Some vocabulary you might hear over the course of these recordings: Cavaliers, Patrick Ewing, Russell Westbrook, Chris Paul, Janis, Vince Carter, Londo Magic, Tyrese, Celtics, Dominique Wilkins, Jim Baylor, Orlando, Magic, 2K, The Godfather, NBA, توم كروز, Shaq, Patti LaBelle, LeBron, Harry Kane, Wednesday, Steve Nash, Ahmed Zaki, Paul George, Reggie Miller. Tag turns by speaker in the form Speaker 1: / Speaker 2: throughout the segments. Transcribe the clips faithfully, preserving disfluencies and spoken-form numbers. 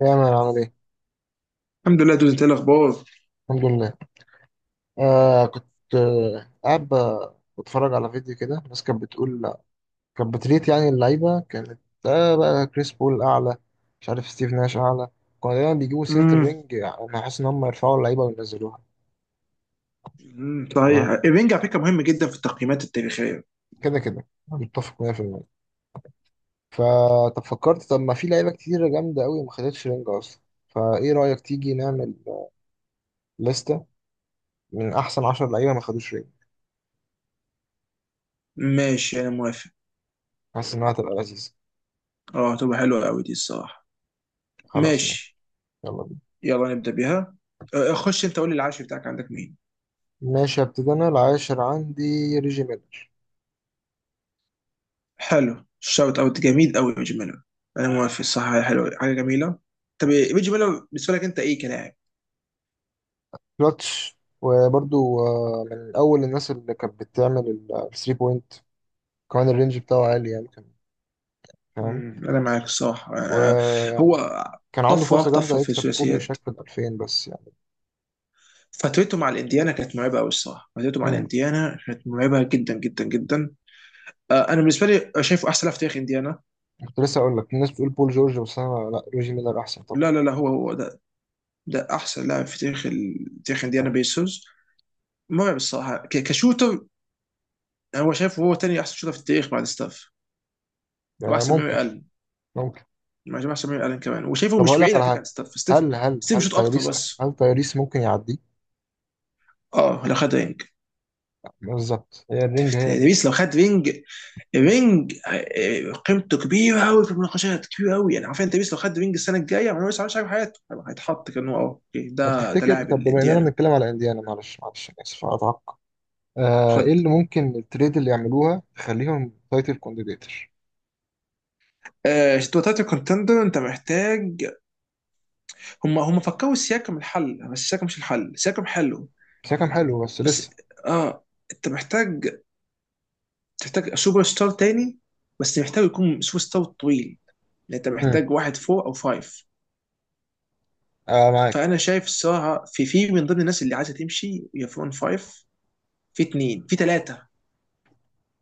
Speaker 1: يا مان عامل ايه؟
Speaker 2: الحمد لله دوز، انت ايه الاخبار؟
Speaker 1: الحمد لله. آه كنت آه قاعد ب- بتفرج على فيديو كده. الناس كانت بتقول، كانت بتريت، يعني اللعيبة كانت آه بقى كريس بول أعلى، مش عارف ستيف ناش أعلى. كانوا دايما بيجيبوا سيرة
Speaker 2: امم
Speaker 1: الرينج، يعني أنا حاسس إن هم يرفعوا اللعيبة وينزلوها.
Speaker 2: أمم، صحيح
Speaker 1: تمام.
Speaker 2: الرينج على فكره مهم جدا في التقييمات التاريخيه.
Speaker 1: كده كده متفق مية بالمية. فطب فكرت، طب ما في لعيبة كتيرة جامدة أوي ما خدتش رينج أصلا، فإيه رأيك تيجي نعمل لستة من أحسن 10 لعيبة ما خدوش رينج.
Speaker 2: ماشي انا موافق.
Speaker 1: حاسس إنها هتبقى لذيذة.
Speaker 2: اه هتبقى حلوه قوي دي الصراحه.
Speaker 1: خلاص ماشي.
Speaker 2: ماشي،
Speaker 1: يلا.
Speaker 2: يلا نبدا بيها. آه، آه، خش انت قول لي العاشر بتاعك عندك مين؟
Speaker 1: ماشي، هبتدي انا. العاشر عندي ريجي ميلر.
Speaker 2: حلو، شوت اوت جميل قوي يا ريجي ميلر. انا موافق، صح، حلو، حاجه جميله. طب ريجي ميلر بالنسبه لك انت ايه كلاعب؟
Speaker 1: كلاتش، وبرضو آه، من اول الناس اللي كانت بتعمل الثري بوينت. كمان الرينج بتاعه عالي، يعني كان، فاهم.
Speaker 2: امم انا معاك الصراحه. آه، آه، هو
Speaker 1: ويعني كان عنده
Speaker 2: طفره
Speaker 1: فرصة جامدة
Speaker 2: طفره في
Speaker 1: يكسب كوبي
Speaker 2: الثلاثيات.
Speaker 1: وشاك في ال ألفين، بس يعني.
Speaker 2: فترته مع الانديانا كانت مرعبه قوي الصراحه، فترته مع
Speaker 1: امم.
Speaker 2: الانديانا كانت مرعبه جدا جدا جدا. آه، انا بالنسبه لي شايفه احسن لاعب في تاريخ انديانا.
Speaker 1: كنت لسه اقول لك الناس بتقول بول جورج، بس انا لا، ريجي ميلر احسن طبعا.
Speaker 2: لا لا لا، هو هو ده ده احسن لاعب في تاريخ ال- تاريخ انديانا
Speaker 1: آه،
Speaker 2: بيسوس. مرعب الصراحه ك- كشوتر. هو شايفه هو تاني احسن شوتر في التاريخ بعد ستاف. هو
Speaker 1: آه،
Speaker 2: احسن من ميري
Speaker 1: ممكن،
Speaker 2: الن،
Speaker 1: ممكن.
Speaker 2: مع جماعه احسن من ميري الن كمان، وشايفه
Speaker 1: طب
Speaker 2: مش
Speaker 1: هقول لك
Speaker 2: بعيد
Speaker 1: على
Speaker 2: على فكره
Speaker 1: حاجة.
Speaker 2: عن ستاف ستيف.
Speaker 1: هل هل
Speaker 2: ستيف
Speaker 1: هل
Speaker 2: بيشوط اكتر
Speaker 1: تايريس
Speaker 2: بس.
Speaker 1: هل تايريس ممكن يعديه؟
Speaker 2: اه لو خد رينج.
Speaker 1: بالظبط، هي الرينج، هي.
Speaker 2: تبيس لو خد رينج. رينج، آه، قيمته كبيره قوي في المناقشات، كبيره قوي يعني. عارفين تبيس لو خد رينج السنه الجايه، ما هو لسه مش عارف حياته. هيتحط كانه اه أوكي،
Speaker 1: طب
Speaker 2: ده ده
Speaker 1: تفتكر،
Speaker 2: لاعب
Speaker 1: طب بما اننا
Speaker 2: الانديانا.
Speaker 1: بنتكلم على انديانا، معلش معلش انا اسف، اتعق. آه ايه
Speaker 2: خد،
Speaker 1: اللي ممكن التريد اللي يعملوها تخليهم تايتل كونديديتر؟
Speaker 2: آه، وتلاته كونتندر انت محتاج. هم هم فكروا السياكم الحل، بس السياكم مش الحل، السياكم حلو
Speaker 1: بس هي كان حلو بس
Speaker 2: بس.
Speaker 1: لسه.
Speaker 2: اه انت محتاج، تحتاج سوبر ستار تاني، بس محتاج يكون سوبر ستار طويل. يعني انت
Speaker 1: امم.
Speaker 2: محتاج واحد فور او فايف.
Speaker 1: آه،
Speaker 2: فانا
Speaker 1: معاك.
Speaker 2: شايف الصراحه في في من ضمن الناس اللي عايزه تمشي يا فون فايف، في اتنين في ثلاثه.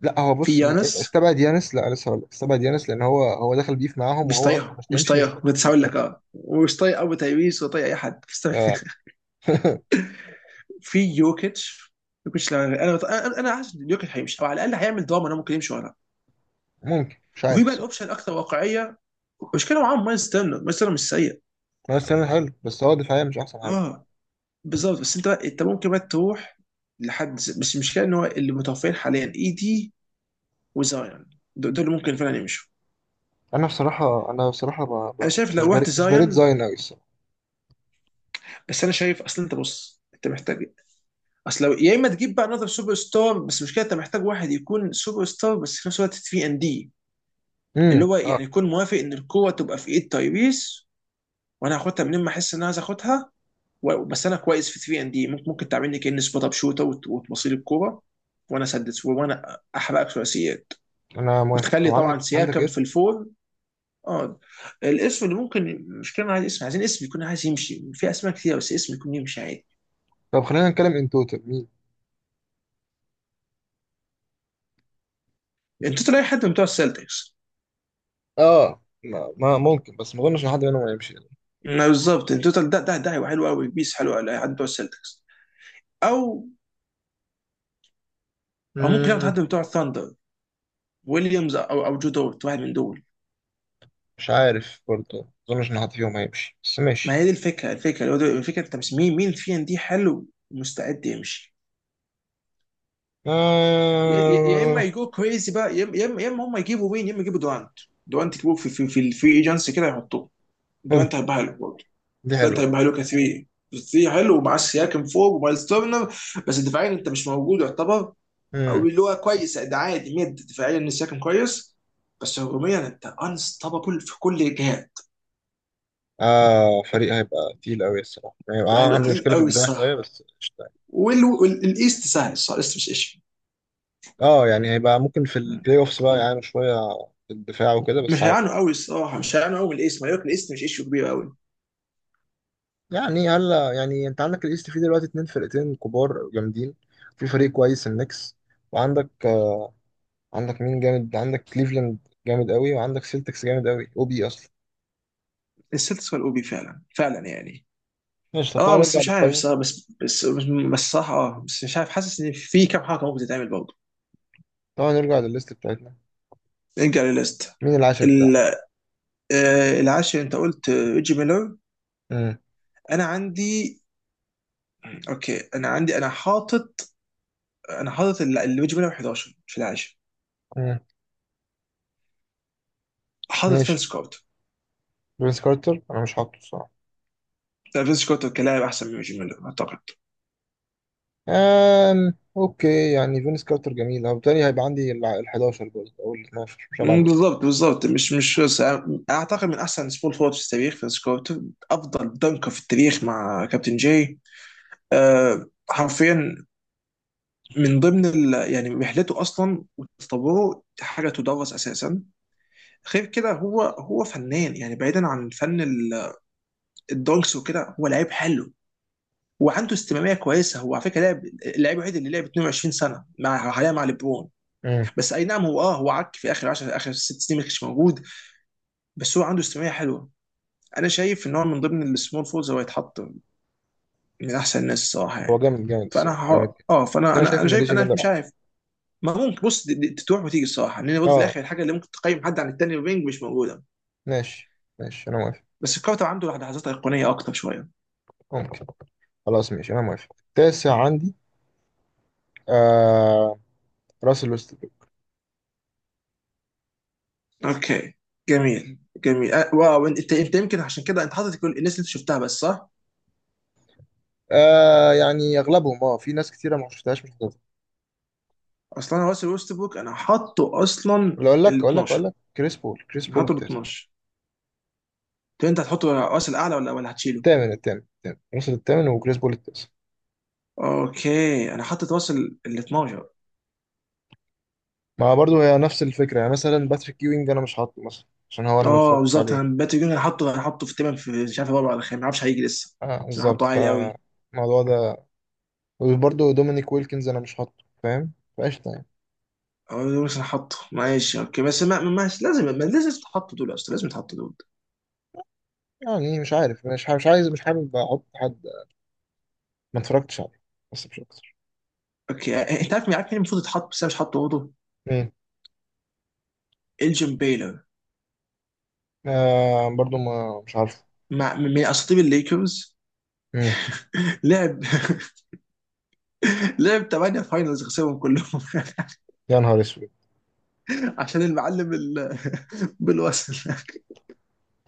Speaker 1: لا، هو
Speaker 2: في
Speaker 1: بص، ي- إيه،
Speaker 2: يانس،
Speaker 1: استبعد يانس، لا لسه هقول لك، استبعد يانس لان هو هو دخل بيف معاهم
Speaker 2: مش
Speaker 1: وهو اصلا
Speaker 2: طايقهم
Speaker 1: مش
Speaker 2: مش
Speaker 1: هيمشي، مش
Speaker 2: طايقهم،
Speaker 1: فارق
Speaker 2: بس
Speaker 1: في
Speaker 2: هقول
Speaker 1: ده.
Speaker 2: لك اه ومش طايق ابو تايويس ولا طايق اي حد.
Speaker 1: آه.
Speaker 2: في يوكيتش. يوكيتش لو- انا انا انا حاسس إن يوكيتش هيمشي او على الاقل هيعمل دراما انه ممكن يمشي وراه.
Speaker 1: ممكن، مش
Speaker 2: وفي
Speaker 1: عارف
Speaker 2: بقى
Speaker 1: الصراحه.
Speaker 2: الاوبشن الاكثر واقعيه، المشكله معاهم مايلز تيرنر، مايلز تيرنر مش سيء.
Speaker 1: هو، استنى، حلو بس هو دفاعيا مش احسن حاجه.
Speaker 2: اه بالظبط، بس انت انت ممكن بقى تروح لحد ز- بس المشكله ان هو اللي متوفرين حاليا اي دي وزايون، دو- دول اللي ممكن فعلا يمشوا.
Speaker 1: انا بصراحه انا بصراحه ب... ب...
Speaker 2: انا شايف
Speaker 1: مش
Speaker 2: لو
Speaker 1: بريد
Speaker 2: رحت
Speaker 1: مش بريد
Speaker 2: زايون.
Speaker 1: زاين قوي الصراحه.
Speaker 2: بس انا شايف، اصل انت بص انت محتاج، اصل لو يا اما تجيب بقى نظر سوبر ستار، بس المشكله انت محتاج واحد يكون سوبر ستار بس في نفس الوقت ثري اند دي ان دي، اللي
Speaker 1: امم،
Speaker 2: هو
Speaker 1: اه،
Speaker 2: يعني يكون موافق ان القوه تبقى في ايد تايبيس. وانا هاخدها منين ما احس ان انا عايز اخدها. و- بس انا كويس في ثري اند دي ان دي، ممكن ممكن تعملني كاني سبوت اب شوتر، وت- وتبصيل الكوره وانا اسدد وانا احرقك ثلاثيات.
Speaker 1: انا موافق. طب
Speaker 2: وتخلي
Speaker 1: عندك
Speaker 2: طبعا
Speaker 1: عندك
Speaker 2: سياكم في
Speaker 1: اسم؟
Speaker 2: الفور. اه الاسم اللي ممكن، مش كلنا عايز اسم، عايزين اسم يكون عايز يمشي. في اسماء كتير بس اسم يكون يمشي عادي.
Speaker 1: طب خلينا نتكلم ان توتال.
Speaker 2: التوتال اي حد من بتوع السلتكس.
Speaker 1: اه، ما ما ممكن، بس ما اظنش ان حد منهم هيمشي.
Speaker 2: ما بالظبط التوتال ده، ده ده هيبقى حلو قوي، بيس حلو قوي حد من بتوع السلتكس. او او ممكن ياخد
Speaker 1: امم.
Speaker 2: حد من بتوع الثاندر، ويليامز او او جو دورت، واحد من دول.
Speaker 1: مش عارف برضه. ما اظنش ان حد فيهم هيمشي، بس
Speaker 2: ما
Speaker 1: ماشي.
Speaker 2: هي دي الفكره، الفكره اللي هو ده- الفكره انت مش مين مين فينا دي حلو ومستعد يمشي. يا يا- يا اما
Speaker 1: آه،
Speaker 2: يجو كريزي بقى، يا اما يا اما يا إما هم يجيبوا مين، يا اما يجيبوا دوانت. دوانت يجيبوه في في في الفري ايجنسي كده يحطوه، دوانت
Speaker 1: ممكن.
Speaker 2: هيبقى حلو برضه.
Speaker 1: دي
Speaker 2: دوانت
Speaker 1: حلوة.
Speaker 2: هيبقى حلو ك 3. ثلاثه حلو، ومعاه سياكن فوق ومايلز تورنر. بس دفاعيا انت مش موجود يعتبر. او
Speaker 1: مم.
Speaker 2: اللي هو كويس ده، عادي ميد دفاعيا ان سياكن كويس، بس هجوميا انت انستوبابل في كل الجهات.
Speaker 1: آه فريق هيبقى تقيل قوي الصراحة، يعني اه،
Speaker 2: هيبقى
Speaker 1: عندي
Speaker 2: تقيل
Speaker 1: مشكلة في
Speaker 2: قوي
Speaker 1: الدفاع شوية،
Speaker 2: الصراحه.
Speaker 1: بس قشطة يعني.
Speaker 2: والايست سهل الصراحه، الايست مش ايش.
Speaker 1: اه، يعني هيبقى ممكن في البلاي اوفس بقى يعانوا شوية في الدفاع وكده، بس
Speaker 2: مش
Speaker 1: عادي.
Speaker 2: هيعانوا قوي الصراحه، مش هيعانوا قوي من الاسم، هياكل، الاسم مش ايشو كبير قوي.
Speaker 1: يعني هلا، يعني انت عندك الايست فيه دلوقتي اتنين فرقتين كبار جامدين، في فريق كويس النكس، وعندك عندك مين جامد، عندك كليفلاند جامد قوي، وعندك سيلتكس جامد قوي او بي اصلا.
Speaker 2: السلتكس والاو بي فعلا فعلا يعني.
Speaker 1: ماشي، طب
Speaker 2: اه
Speaker 1: تعالى
Speaker 2: بس
Speaker 1: نرجع
Speaker 2: مش عارف
Speaker 1: للقائمه.
Speaker 2: صراحة، بس بس بس, بس صح. اه بس مش عارف، حاسس ان في كام حركه ممكن تتعمل برضه.
Speaker 1: تعالى نرجع للليست بتاعتنا.
Speaker 2: نرجع للليست.
Speaker 1: مين العاشر بتاعنا؟
Speaker 2: ال- آه، العاشر انت قلت آه، ريجي ميلر.
Speaker 1: امم.
Speaker 2: انا عندي، اوكي انا عندي، انا حاطط، انا حاطط ال- ال- ريجي ميلر احداشر في العاشر.
Speaker 1: امم.
Speaker 2: حاطط
Speaker 1: ماشي.
Speaker 2: فينس كارتر.
Speaker 1: فينس كارتر انا مش حاطه الصراحه.
Speaker 2: لا فينس كارتر كلاعب احسن من ريجي ميلر اعتقد.
Speaker 1: أم... اوكي، يعني فينس كارتر جميل، او تاني هيبقى عندي ال ال حداشر برضه او ال اتناشر، مش هبعد
Speaker 2: مم،
Speaker 1: من كده.
Speaker 2: بالظبط بالظبط، مش مش بس اعتقد من احسن سبول فورد في التاريخ في سكوت. افضل دنكر في التاريخ مع كابتن جاي. أه حرفيا، من ضمن ال... يعني رحلته اصلا وتطوره حاجه تدرس اساسا. غير كده هو هو فنان يعني، بعيدا عن فن ال- الدونكس وكده، هو لعيب حلو وعنده استمراريه كويسه. هو على فكره لعب، اللعيب الوحيد اللي لعب اتنين وعشرين سنه مع، حاليا مع ليبرون.
Speaker 1: امم،
Speaker 2: بس اي نعم هو، اه هو عك في اخر عشر، اخر ست سنين ما كانش موجود. بس هو عنده استمراريه حلوه. انا شايف ان هو من ضمن السمول فولز هو يتحط من احسن الناس الصراحه
Speaker 1: هو
Speaker 2: يعني.
Speaker 1: جامد جامد
Speaker 2: فانا
Speaker 1: الصراحه،
Speaker 2: ح...
Speaker 1: جامد جدا.
Speaker 2: اه فانا
Speaker 1: انا
Speaker 2: انا
Speaker 1: شايف
Speaker 2: انا
Speaker 1: ان
Speaker 2: شايف
Speaker 1: ريجي
Speaker 2: انا
Speaker 1: ميلر
Speaker 2: مش
Speaker 1: احسن.
Speaker 2: عارف. ما ممكن بص، دي- دي تروح وتيجي الصراحه، لان برضه في
Speaker 1: اه،
Speaker 2: الاخر الحاجه اللي ممكن تقيم حد عن التاني وبينج مش موجوده.
Speaker 1: ماشي ماشي، انا موافق.
Speaker 2: بس الكارتر عنده لحظات ايقونيه اكتر شويه.
Speaker 1: ممكن. خلاص ماشي، انا موافق. التاسع عندي آه... راسل ويست.
Speaker 2: اوكي جميل جميل، أه واو، انت انت يمكن عشان كده انت حاطط كل الناس اللي انت شفتها بس صح؟
Speaker 1: آه يعني اغلبهم، اه، في ناس كتيره ما شفتهاش، مش حضرتها.
Speaker 2: اصلا انا راسل ويستبروك انا حاطه اصلا
Speaker 1: ولا اقول لك
Speaker 2: ال
Speaker 1: اقول لك اقول
Speaker 2: اتناشر.
Speaker 1: لك كريس بول كريس
Speaker 2: انا
Speaker 1: بول
Speaker 2: حاطه ال
Speaker 1: التاسع.
Speaker 2: اتناشر. طب انت هتحطه راسل اعلى ولا ولا هتشيله؟
Speaker 1: الثامن الثامن الثامن، وصل الثامن، وكريس بول التاسع.
Speaker 2: اوكي انا حاطط راسل ال اتناشر.
Speaker 1: ما برضه هي نفس الفكره، يعني مثلا باتريك ewing انا مش حاطه، مثلا عشان هو انا ما
Speaker 2: اه
Speaker 1: اتفرجتش
Speaker 2: بالظبط،
Speaker 1: عليه.
Speaker 2: انا باتي جون انا حاطه، انا حاطه في تمام، في مش عارف رابع ولا خامس، ما اعرفش هيجي لسه.
Speaker 1: اه
Speaker 2: بس انا
Speaker 1: بالظبط،
Speaker 2: حاطه عالي قوي.
Speaker 1: فالموضوع ده. وبرضه دومينيك ويلكنز انا مش حاطه، فاهم. فقشطه يعني.
Speaker 2: اه بس انا حاطه ماشي اوكي، بس ما ما ماشي، لازم ما لازم تتحط دول، اصلا لازم تتحط دول.
Speaker 1: يعني مش عارف، مش ح- مش عايز، مش حابب احط حد ما اتفرجتش عليه، بس مش اكتر.
Speaker 2: اوكي آه، انت عارف مين، عارف مين المفروض يتحط بس انا مش حاطه برضه.
Speaker 1: مين؟
Speaker 2: الجيم بيلر،
Speaker 1: آه، برضه ما، مش عارفه.
Speaker 2: مع من اساطير الليكرز.
Speaker 1: مم.
Speaker 2: لعب. لعب ثمانية فاينلز خسرهم كلهم.
Speaker 1: يا نهار اسود.
Speaker 2: عشان المعلم ال- بالوصل.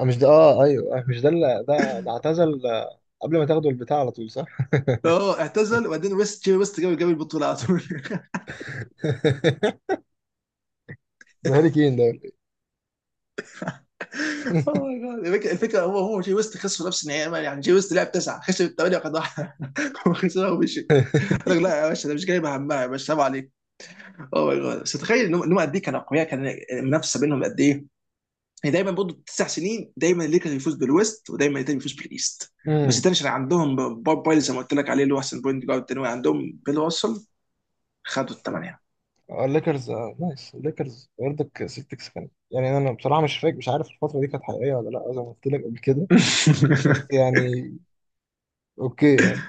Speaker 1: آه، مش ده، اه، ايوه، آه، مش ده اللي ده. ده اعتزل آه، قبل ما تاخدوا البتاع على طول صح؟
Speaker 2: اه اعتزل وبعدين ويست، جي ويست جاب جاب البطوله على طول.
Speaker 1: ده هاري كين ده ولا إيه؟
Speaker 2: اوه ماي جاد الفكره، الفكرة هو، هو جي ويست خسروا نفس النهائي يعني، جي ويست لعب تسعه خسر الثمانيه وخد واحده وخسرها ومشي. قال لك لا يا باشا ده مش جايبه همها يا باشا، سلام عليك. اوه ماي جاد بس تخيل انهم إنهم قد ايه كانوا اقوياء، كان المنافسه بينهم قد ايه. يعني دايما برضه تسع سنين، دايما الليكرز يفوز بالويست ودايما التاني يفوز بالايست. بس
Speaker 1: امم.
Speaker 2: التاني عشان عندهم بوب بايلي زي ما قلت لك عليه اللي هو احسن بوينت جارد، الثانوي عندهم بيل وصل، خدوا الثمانيه.
Speaker 1: الليكرز آه، نايس. الليكرز برضك سيلتكس كان، يعني انا بصراحه مش فاكر، مش عارف الفتره دي كانت حقيقيه ولا لا، زي ما قلت لك قبل كده. بس يعني، اوكي يعني.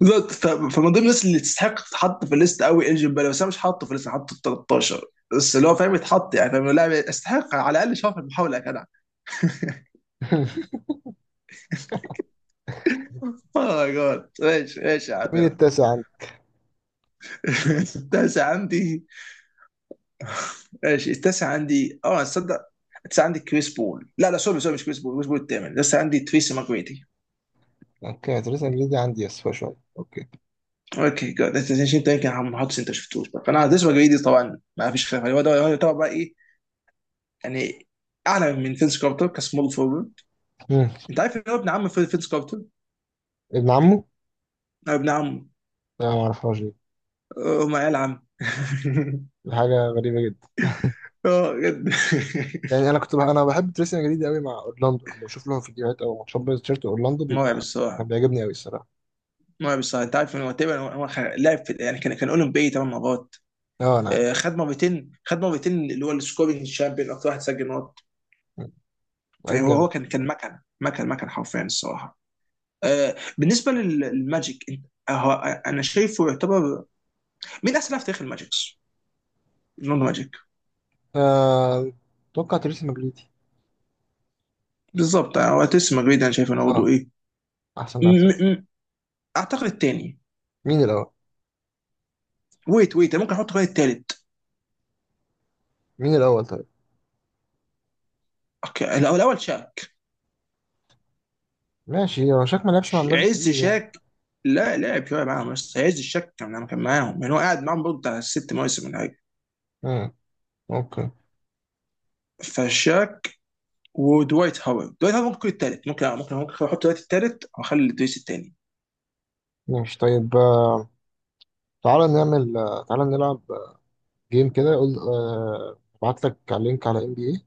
Speaker 2: بالظبط، ف- فمن ضمن الناس اللي تستحق تتحط في الليست قوي انجن بلا، بس انا مش حاطه في الليست، حاطه في تلتاشر. بس اللي هو فاهم يتحط يعني، فاهم لاعب يستحق على الاقل شاف المحاوله يا جدع. اوه ماي جاد ماشي ماشي يا
Speaker 1: أنت مين
Speaker 2: عمنا.
Speaker 1: التاسع عندي؟
Speaker 2: التاسع عندي، ماشي التاسع عندي اه، تصدق التاسع عندي كريس بول، لا لا سوري سوري مش كريس بول، كريس بول الثامن لسه، عندي تريسي ماجريدي.
Speaker 1: اوكي، تريزا دي عندي، اسفه شويه، اوكي.
Speaker 2: اوكي جود، انت انت يمكن ما حطش، انت شفتوش بقى. فانا تريسي ماجريدي طبعا ما فيش خلاف عليه، هو ده هو ده بقى ايه يعني، اعلى من فينس كارتر كسمول فورورد.
Speaker 1: امم.
Speaker 2: انت عارف ان هو ابن عم فينس كارتر؟
Speaker 1: ابن عمه؟
Speaker 2: ابن عمه.
Speaker 1: لا، ما اعرفهاش دي.
Speaker 2: هم عيال عم.
Speaker 1: دي حاجه غريبه جدا.
Speaker 2: اه جد.
Speaker 1: يعني انا كنت بح انا بحب تريسينج جديد قوي مع اورلاندو، لما بشوف لهم فيديوهات او ماتشات، بايظ، تيشيرت اورلاندو
Speaker 2: مرعب
Speaker 1: بيبقى كان
Speaker 2: الصراحه،
Speaker 1: بيعجبني قوي الصراحه.
Speaker 2: مرعب الصراحه. انت عارف انه تقريبا هو خ- لعب في، يعني كان كان اولمبي ثمان مرات.
Speaker 1: اه، انا عارف.
Speaker 2: آه، خد مرتين، خد مرتين اللي هو السكورينج شامبيون، اكتر واحد سجل نقط.
Speaker 1: مم. لعيب
Speaker 2: فهو
Speaker 1: جامد.
Speaker 2: هو كان كان مكنه، مكن مكن حرفيا الصراحه. آه، بالنسبه لل- للماجيك انت هو- انا شايفه يعتبر، مين احسن لاعب في تاريخ الماجيكس؟ لوندو ماجيك.
Speaker 1: آه، اتوقع تريسينج مجليتي.
Speaker 2: بالظبط يعني هو تيس مجريد، انا شايف انه برضه
Speaker 1: اه،
Speaker 2: ايه.
Speaker 1: احسن
Speaker 2: م-
Speaker 1: لاعب في الفريق.
Speaker 2: م- م- اعتقد الثاني.
Speaker 1: مين الاول؟
Speaker 2: ويت ويت أنا ممكن احط كمان الثالث.
Speaker 1: مين الاول طيب؟
Speaker 2: اوكي الأول- الاول شاك.
Speaker 1: ماشي، هو شكله ما لعبش مع
Speaker 2: ش-
Speaker 1: الماجيك
Speaker 2: عز
Speaker 1: كتير يعني.
Speaker 2: شاك. لا لعب شويه معاهم بس عز الشاك كان لما كان معاهم، يعني هو قاعد معاهم برضه بتاع ست مواسم ولا حاجه.
Speaker 1: مم. اوكي
Speaker 2: فشاك ودوايت هاورد، دوايت هاورد ممكن يكون التالت، ممكن ممكن ممكن احط دلوقتي التالت واخلي دويس التاني.
Speaker 1: ماشي طيب، آه، تعالى نعمل آه، تعالى نلعب آه، جيم كده. قول، آه، ابعت لك على لينك على ام بي اي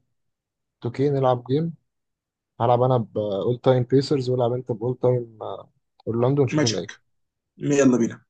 Speaker 1: تو كيه نلعب جيم. هلعب انا بأول تايم بيسرز، والعب انت بأول تايم اورلاندو، ونشوف مين
Speaker 2: ماجيك.
Speaker 1: اللي
Speaker 2: يلا بينا.